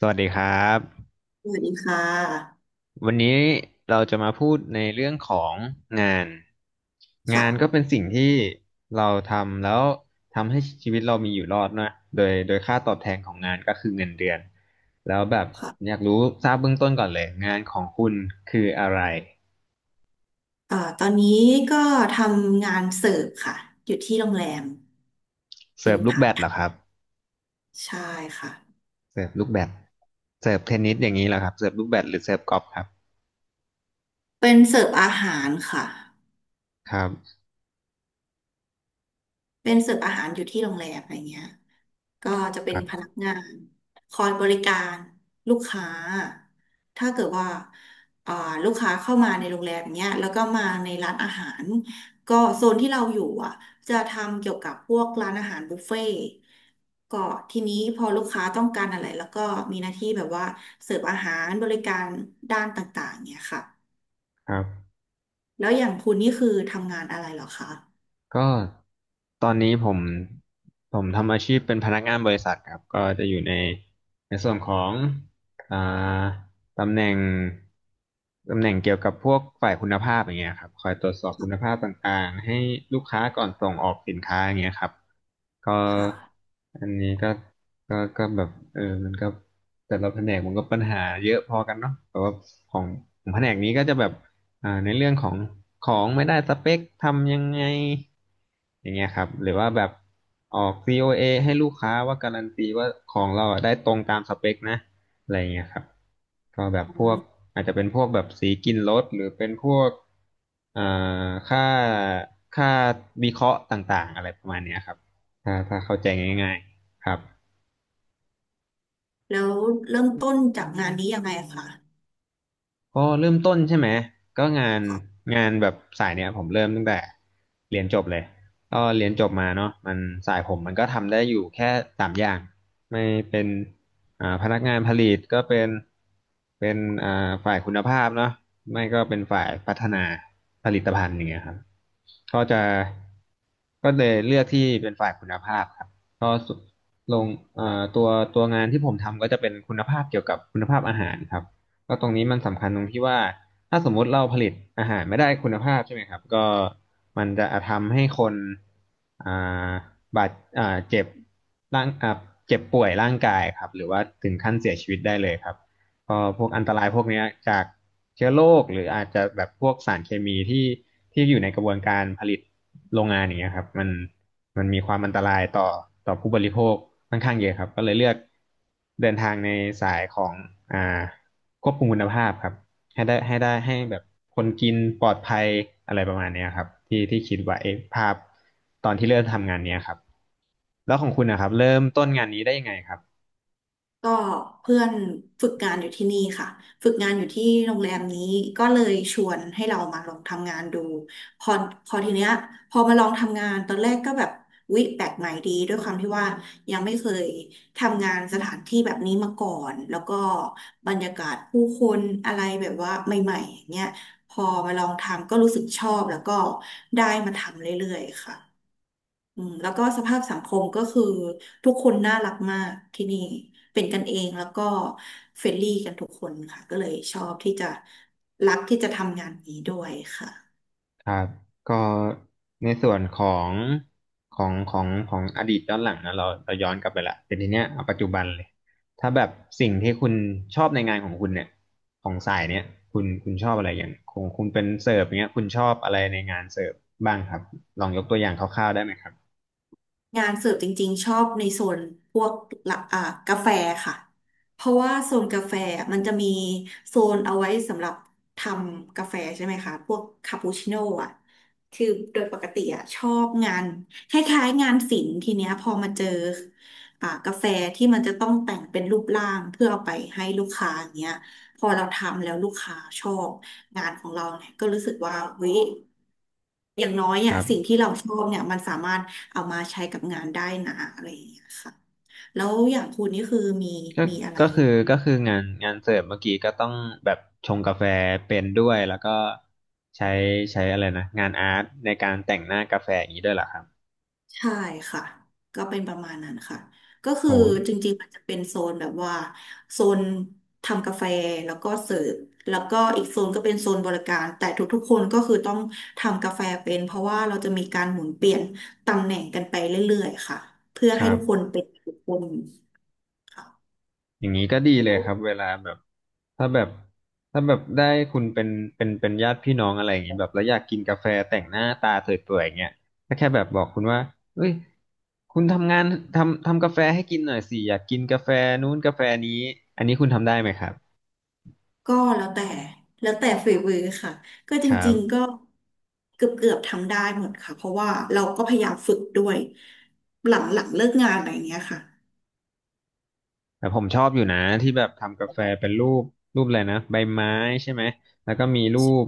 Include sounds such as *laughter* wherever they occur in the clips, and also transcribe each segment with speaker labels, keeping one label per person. Speaker 1: สวัสดีครับ
Speaker 2: สวัสดีค่ะ
Speaker 1: วันนี้เราจะมาพูดในเรื่องของงานงานก็
Speaker 2: ค่ะ
Speaker 1: เป็นสิ่งที่เราทำแล้วทำให้ชีวิตเรามีอยู่รอดนะโดยค่าตอบแทนของงานก็คือเงินเดือนแล้วแบบอ
Speaker 2: ค่ะ
Speaker 1: ยากรู้ทราบเบื้องต้นก่อนเลยงานของคุณคืออะไร
Speaker 2: ตอนนี้ก็ทำงานเสิร์ฟค่ะ อยู่ที่โรงแรม เป็
Speaker 1: เสิร์
Speaker 2: น
Speaker 1: ฟลูก
Speaker 2: พั
Speaker 1: แบด
Speaker 2: ด
Speaker 1: เหรอครับ
Speaker 2: ใช่ค่ะ
Speaker 1: เสิร์ฟลูกแบดเสิร์ฟเทนนิสอย่างนี้เหรอครับเสิร์ฟลูกแบดหรือเสิร์ฟกอล์ฟครับ
Speaker 2: เป็นเสิร์ฟอาหารค่ะ
Speaker 1: ครับ
Speaker 2: เป็นเสิร์ฟอาหารอยู่ที่โรงแรมอะไรเงี้ยก็อจะเป็
Speaker 1: ค
Speaker 2: น
Speaker 1: รั
Speaker 2: พนัก
Speaker 1: บ
Speaker 2: งานคอยบริการลูกค้า ถ้าเกิดว่าอ่าลูกค้าเข้ามาในโรงแรมเนี้ยแล้วก็มาในร้านอาหาร ก็โซนที่เราอยู่อ่ะจะทำเกี่ยวกับพวกร้านอาหารบุฟเฟ่ต์ก็ทีนี้พอลูกค้าต้องการอะไรแล้วก็มีหน้าที่แบบว่าเสิร์ฟอาหารบริการด้านต่างๆเนี้ยค่ะ
Speaker 1: ครับ
Speaker 2: แล้วอย่างคุณนี่คือทำงานอะไรเหรอคะ
Speaker 1: ก็ตอนนี้ผมทำอาชีพเป็นพนักงานบริษัทครับก็จะอยู่ในในส่วนของอ่าตำแหน่งตำแหน่งเกี่ยวกับพวกฝ่ายคุณภาพอย่างเงี้ยครับคอยตรวจสอบคุณภาพต่างๆให้ลูกค้าก่อนส่งออกสินค้าอย่างเงี้ยครับก็
Speaker 2: ค่ะ
Speaker 1: อันนี้ก็ก็แบบเออมันก็แต่ละแผนกมันก็ปัญหาเยอะพอกันเนาะแต่ว่าของของแผนกนี้ก็จะแบบ ในเรื่องของของไม่ได้สเปคทำยังไงอย่างเงี้ยครับหรือว่าแบบออก COA ให้ลูกค้าว่าการันตีว่าของเราอะได้ตรงตามสเปคนะอะไรเงี้ยครับก็แบบ
Speaker 2: อื
Speaker 1: พวก
Speaker 2: ม
Speaker 1: อาจจะเป็นพวกแบบสีกินรถหรือเป็นพวกอ่าค่าค่าวิเคราะห์ต่างๆอะไรประมาณเนี้ยครับถ้าเข้าใจง่ายๆครับ
Speaker 2: แล้วเริ่มต้นจากงานนี้ยังไงคะ
Speaker 1: ก็เริ่มต้นใช่ไหมก็งานงานแบบสายเนี้ยผมเริ่มตั้งแต่เรียนจบเลยก็เรียนจบมาเนาะมันสายผมมันก็ทำได้อยู่แค่สามอย่างไม่เป็นพนักงานผลิตก็เป็นเป็นฝ่ายคุณภาพเนาะไม่ก็เป็นฝ่ายพัฒนาผลิตภัณฑ์อย่างเงี้ยครับก็จะก็เลยเลือกที่เป็นฝ่ายคุณภาพครับก็ลงตัวตัวงานที่ผมทำก็จะเป็นคุณภาพเกี่ยวกับคุณภาพอาหารครับ ก็ตรงนี้มันสำคัญตรงที่ว่าถ้าสมมุติเราผลิตอาหารไม่ได้คุณภาพใช่ไหมครับก็มันจะทำให้คนอ่าบาดเจ็บร่างเจ็บป่วยร่างกายครับหรือว่าถึงขั้นเสียชีวิตได้เลยครับก็พวกอันตรายพวกเนี้ยจากเชื้อโรคหรืออาจจะแบบพวกสารเคมีที่อยู่ในกระบวนการผลิตโรงงานอย่างเงี้ยครับมันมีความอันตรายต่อต่อผู้บริโภคค่อนข้างเยอะครับก็เลยเลือกเดินทางในสายของอ่า ควบคุมคุณภาพครับให้ได้ให้ได้ให้แบบคนกินปลอดภัยอะไรประมาณเนี้ยครับที่ที่คิดไว้ภาพตอนที่เริ่มทำงานเนี้ยครับแล้วของคุณนะครับเริ่มต้นงานนี้ได้ยังไงครับ
Speaker 2: ก็เพื่อนฝึกงานอยู่ที่นี่ค่ะฝึกงานอยู่ที่โรงแรมนี้ก็เลยชวนให้เรามาลองทำงานดูพอพอทีเนี้ยพอมาลองทำงานตอนแรกก็แบบวิแปลกใหม่ดีด้วยความที่ว่ายังไม่เคยทำงานสถานที่แบบนี้มาก่อนแล้วก็บรรยากาศผู้คนอะไรแบบว่าใหม่ๆอย่างเงี้ยพอมาลองทำก็รู้สึกชอบแล้วก็ได้มาทำเรื่อยๆค่ะ อืมแล้วก็สภาพสังคมก็คือทุกคนน่ารักมากที่นี่เป็นกันเองแล้วก็เฟรนลี่กันทุกคนค่ะก็เลยชอบที่จะรักที่จะทำงานนี้ด้วยค่ะ
Speaker 1: ครับก็ในส่วนของของอดีตย้อนหลังนะเราเราย้อนกลับไปละแต่ทีเนี้ยเอาปัจจุบันเลยถ้าแบบสิ่งที่คุณชอบในงานของคุณเนี่ยของสายเนี้ยคุณชอบอะไรอย่างของคุณเป็นเสิร์ฟอย่างเงี้ยคุณชอบอะไรในงานเสิร์ฟบ้างครับลองยกตัวอย่างคร่าวๆได้ไหมครับ
Speaker 2: งานเสิร์ฟจริงๆชอบในโซนพวกละกาแฟค่ะ เพราะว่าโซนกาแฟมันจะมีโซนเอาไว้สำหรับทำกาแฟใช่ไหมคะพวกคาปูชิโน่อะคือโดยปกติอะชอบงานคล้ายๆงานศิลป์ทีเนี้ยพอมาเจอกาแฟที่มันจะต้องแต่งเป็นรูปร่างเพื่อเอาไปให้ลูกค้าอย่างเงี้ย พอเราทำแล้วลูกค้าชอบงานของเราเนี่ยก็รู้สึกว่าเฮ้ย อย่างน้อย
Speaker 1: ค
Speaker 2: อ่ะ
Speaker 1: รั
Speaker 2: สิ่ง
Speaker 1: บ
Speaker 2: ที่เราชอบเนี่ยมันสามารถเอามาใช้กับงานได้นะอะไรอย่างเงี้ยค่ะแล้วอย่างคุณนี่คือมี
Speaker 1: ก็
Speaker 2: อะไร
Speaker 1: ก็คือก็คืองานงานเสิร์ฟเมื่อกี้ก็ต้องแบบชงกาแฟเป็นด้วยแล้วก็ใช้ใช้อะไรนะงานอาร์ตในการแต่งหน้ากาแฟอย่างนี้ด้วยเหรอครับ
Speaker 2: ใช่ค่ะก็เป็นประมาณนั้นค่ะก็คือ
Speaker 1: โห
Speaker 2: จริงๆมันจะเป็นโซนแบบว่าโซนทำกาแฟแล้วก็เสิร์ฟแล้วก็อีกโซนก็เป็นโซนบริการแต่ทุกๆคนก็คือต้องทำกาแฟเป็นเพราะว่าเราจะมีการหมุนเปลี่ยนตำแหน่งกันไปเรื่อยๆค่ะเพื่อ
Speaker 1: ค
Speaker 2: ให้
Speaker 1: รับ
Speaker 2: ทุกคนเป็นทุกคนค่ะ
Speaker 1: อย่างนี้ก็ดีเลยครับเวลาแบบถ้าแบบถ้าแบบได้คุณเป็นเป็นญาติพี่น้องอะไรอย่างนี้แบบแล้วอยากกินกาแฟแต่งหน้าตาสวยๆอย่างเงี้ยก็แค่แบบบอกคุณว่าเอ้ยคุณทำงานทำกาแฟให้กินหน่อยสิอยากกินกาแฟนู้นกาแฟนี้อันนี้คุณทำได้ไหมครับ
Speaker 2: ก็แล้วแต่แล้วแต่ฝีมือค่ะก็จ
Speaker 1: ครั
Speaker 2: ริงๆก็
Speaker 1: บ
Speaker 2: เกือบทำได้หมดค่ะเพราะว่าเราก็พยายามฝึกด้วยหลังเลิกงานอะไรอย่างเงี้ยค่ะ
Speaker 1: แต่ผมชอบอยู่นะที่แบบทำกาแฟเป็นรูปรูปอะไรนะใบไม้ใช่ไหมแล้วก็มีรูป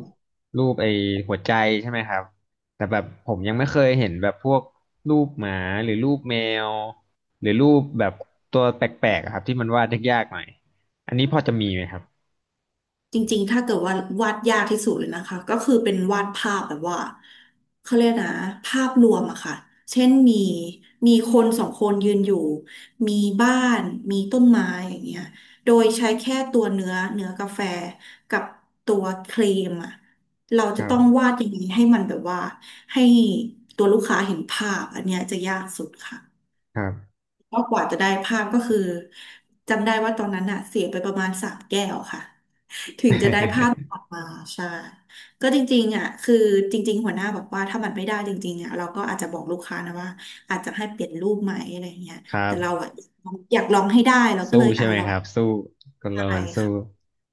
Speaker 1: รูปไอ้หัวใจใช่ไหมครับแต่แบบผมยังไม่เคยเห็นแบบพวกรูปหมาหรือรูปแมวหรือรูปแบบตัวแปลกๆอะครับที่มันวาดยากๆหน่อยอันนี้พอจะมีไหมครับ
Speaker 2: จริงๆถ้าเกิดว่าวาดยากที่สุดเลยนะคะก็คือเป็นวาดภาพแบบว่าเขาเรียกนะภาพรวมอะค่ะเช่นมีคนสองคนยืนอยู่มีบ้านมีต้นไม้อย่างเงี้ยโดยใช้แค่ตัวเนื้อกาแฟกับตัวครีมอะเรา
Speaker 1: ค
Speaker 2: จะ
Speaker 1: รั
Speaker 2: ต้อง
Speaker 1: บ
Speaker 2: วาดอย่างนี้ให้มันแบบว่าให้ตัวลูกค้าเห็นภาพอันเนี้ยจะยากสุดค่ะ
Speaker 1: ครับ
Speaker 2: ก็กว่าจะได้ภาพก็คือจำได้ว่าตอนนั้นอะเสียไปประมาณ3 แก้วค่ะ อ
Speaker 1: *laughs*
Speaker 2: ่าใช่ก็จริงๆอ่ะคือจริงๆหัวหน้าบอกว่าถ้ามันไม่ได้จริงๆอ่ะเราก็อาจจะบอกลูกค้านะว่าอาจจะให้เปลี่ยนรูปใหม่อะไรเงี้ย
Speaker 1: ครั
Speaker 2: แต่
Speaker 1: บ
Speaker 2: เราอ่ะอยากลองให้ได้เราก็เล
Speaker 1: สู้
Speaker 2: ย
Speaker 1: ใช่ไหม
Speaker 2: ลอ
Speaker 1: ค
Speaker 2: ง
Speaker 1: รับสู้คน
Speaker 2: ไป
Speaker 1: เรามันสู้
Speaker 2: ค่ะ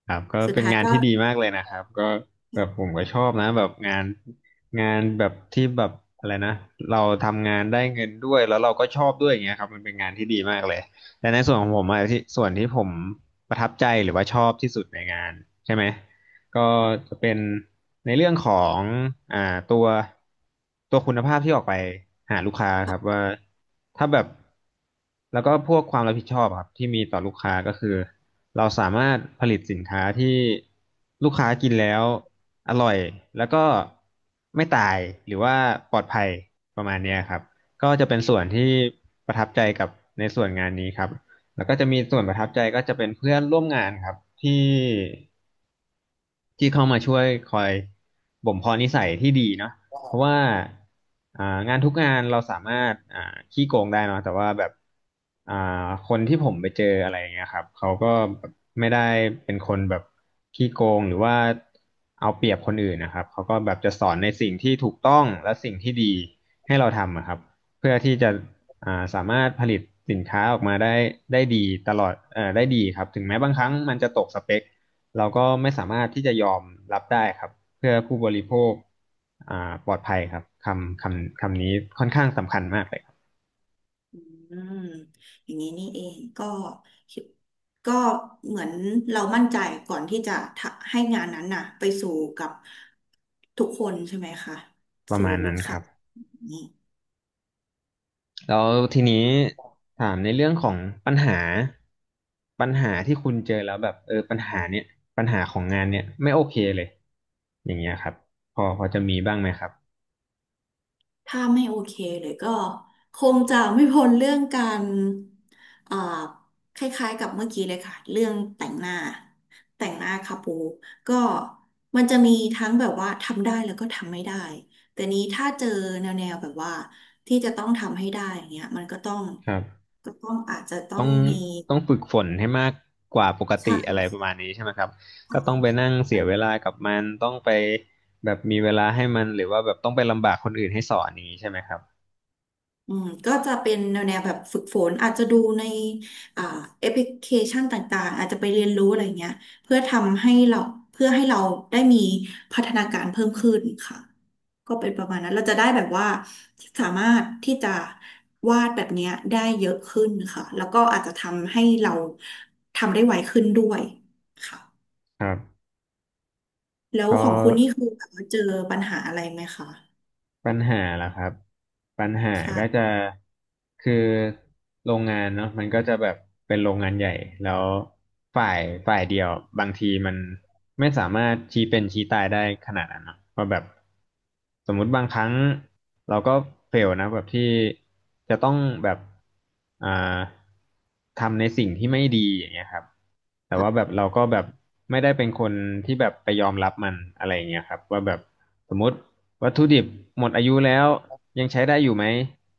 Speaker 1: ครับก็
Speaker 2: สุด
Speaker 1: เป็น
Speaker 2: ท้าย
Speaker 1: งาน
Speaker 2: ก็
Speaker 1: ที่ดีมากเลยนะครับก็แบบผมก็ชอบนะแบบงานงานแบบที่แบบอะไรนะเราทำงานได้เงินด้วยแล้วเราก็ชอบด้วยอย่างเงี้ยครับมันเป็นงานที่ดีมากเลยแต่ในส่วนของผมอะที่ส่วนที่ผมประทับใจหรือว่าชอบที่สุดในงานใช่ไหม ก็จะเป็นในเรื่องของอ่าตัวตัวคุณภาพที่ออกไปหาลูกค้าครับว่าถ้าแบบแล้วก็พวกความรับผิดชอบครับที่มีต่อลูกค้าก็คือเราสามารถผลิตสินค้าที่ลูกค้ากินแล้วอร่อยแล้วก็ไม่ตายหรือว่าปลอดภัยประมาณเนี้ยครับก็จะเป็นส่วนที่ประทับใจกับในส่วนงานนี้ครับแล้วก็จะมีส่วนประทับใจก็จะเป็นเพื่อนร่วมงานครับที่ ที่เข้ามาช่วยคอยบ่มเพาะนิสัยที่ดีเนาะเพราะว่าอ่างานทุกงานเราสามารถขี้โกงได้เนาะแต่ว่าแบบอ่าคนที่ผมไปเจออะไรอย่างเงี้ยครับเขาก็แบบไม่ได้เป็นคนแบบขี้โกงหรือว่าเอาเปรียบคนอื่นนะครับเขาก็แบบจะสอนในสิ่งที่ถูกต้องและสิ่งที่ดีให้เราทำอะครับเพื่อที่จะสามารถผลิตสินค้าออกมาได้ได้ดีตลอดได้ดีครับถึงแม้บางครั้งมันจะตกสเปค เราก็ไม่สามารถที่จะยอมรับได้ครับเพื่อผู้บริโภคอ่าปลอดภัยครับคำนี้ค่อนข้างสำคัญมากเลยครับ
Speaker 2: อืมอย่างนี้นี่เองก็คิดก็เหมือนเรามั่นใจก่อนที่จะทะให้งานนั้นน่ะไปสู่กับทุกคนใช่ไหมคะ
Speaker 1: ประ
Speaker 2: สู่
Speaker 1: มาณ
Speaker 2: ลู
Speaker 1: นั้
Speaker 2: ก
Speaker 1: นค
Speaker 2: ค้า
Speaker 1: รับแล้วทีนี้ถามในเรื่องของปัญหาปัญหาที่คุณเจอแล้วแบบเออปัญหาเนี่ยปัญหาของงานเนี่ยไม่โอเคเลยอย่างเงี้ยครับพอจะมีบ้างไหมครับ
Speaker 2: ถ้าไม่โอเคเลยก็คงจะไม่พ้นเรื่องการอ่าคล้ายๆกับเมื่อกี้เลยค่ะเรื่องแต่งหน้าแต่งหน้าคาปูก็มันจะมีทั้งแบบว่าทำได้แล้วก็ทำไม่ได้แต่นี้ถ้าเจอแนวแบบว่าที่จะต้องทำให้ได้อย่างเงี้ยมันก็ต้อง
Speaker 1: ครับ
Speaker 2: ก็ต้องอาจจะต้อ
Speaker 1: ต้อ
Speaker 2: ง
Speaker 1: ง
Speaker 2: มี
Speaker 1: ต้องฝึกฝนให้มากกว่าปกติ
Speaker 2: ช่าง
Speaker 1: อะไรประมาณนี้ใช่ไหมครับก็
Speaker 2: เข้า
Speaker 1: ต้องไปนั่งเสี
Speaker 2: มา
Speaker 1: ยเวลากับมันต้องไปแบบมีเวลาให้มันหรือว่าแบบต้องไปลำบากคนอื่นให้สอนอย่างนี้ใช่ไหมครับ
Speaker 2: อืมก็จะเป็นแนวแบบฝึกฝนอาจจะดูในอ่าแอปพลิเคชันต่างๆอาจจะไปเรียนรู้อะไรเงี้ยเพื่อทำให้เราเพื่อให้เราได้มีพัฒนาการเพิ่มขึ้นค่ะก็เป็นประมาณนั้นเราจะได้แบบว่าสามารถที่จะวาดแบบเนี้ยได้เยอะขึ้นค่ะแล้วก็อาจจะทำให้เราทำได้ไวขึ้นด้วยค่ะ
Speaker 1: ครับ
Speaker 2: แล้ว
Speaker 1: ก็
Speaker 2: ของคุณนี่คือแบบว่าเจอปัญหาอะไรไหมคะ
Speaker 1: ปัญหาล่ะครับปัญหาก็จะ
Speaker 2: ใช่
Speaker 1: คือโรงงานเนาะมันก็จะแบบเป็นโรงงานใหญ่แล้วฝ่ายฝ่ายเดียวบางทีมันไม่สามารถชี้เป็นชี้ตายได้ขนาดนั้นเนาะเพราะแบบสมมุติบางครั้งเราก็เฟลนะแบบที่จะต้องแบบอ่าทำในสิ่งที่ไม่ดีอย่างเงี้ยครับแต่ว่าแบบเราก็แบบไม่ได้เป็นคนที่แบบไปยอมรับมันอะไรอย่างเงี้ยครับว่าแบบ สมมติวัตถุดิบหมดอายุแล้วยังใช้ได้อยู่ไหม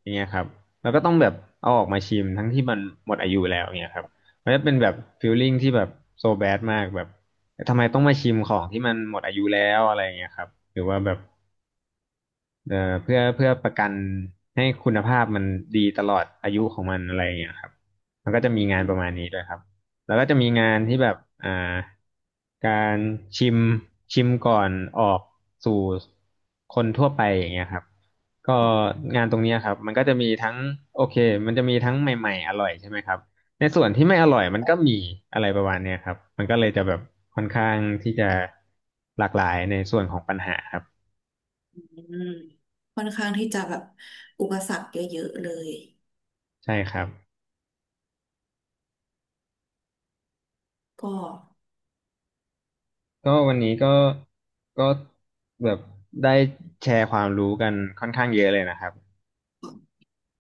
Speaker 1: อย่างเงี้ยครับแล้วก็ต้องแบบเอาออกมาชิมทั้งที่มันหมดอายุแล้วอย่างเงี้ยครับมันจะเป็นแบบฟีลลิ่งที่แบบโซแบดมากแบบทำไมต้องมาชิมของที่มันหมดอายุแล้วอะไรอย่างเงี้ยครับหรือว่าแบบ เอ่อเพื่อประกันให้คุณภาพมันดีตลอดอายุของมันอะไรอย่างเงี้ยครับมันก็จะมีงานประมาณนี้ด้วยครับ แล้วก็จะมีงานที่แบบอ่าการชิมชิมก่อนออกสู่คนทั่วไปอย่างเงี้ยครับก็งานตรงเนี้ยครับมันก็จะมีทั้งโอเคมันจะมีทั้งใหม่ๆอร่อยใช่ไหมครับในส่วนที่ไม่อร่อยมันก็มีอะไรประมาณเนี้ยครับ มันก็เลยจะแบบค่อนข้างที่จะหลากหลายในส่วนของปัญหาครับ
Speaker 2: ค่อนข้างที่จะแบบอุปสรรคเยอะๆเลย
Speaker 1: ใช่ครับ
Speaker 2: ก็
Speaker 1: ก็วันนี้ก็ก็แบบได้แชร์ความรู้กันค่อนข้างเยอะเลยนะครับ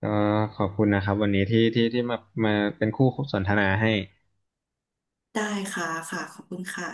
Speaker 1: ก็ขอบคุณนะครับวันนี้ที่มามาเป็นคู่สนทนาให้
Speaker 2: ได้ค่ะค่ะขอบคุณค่ะ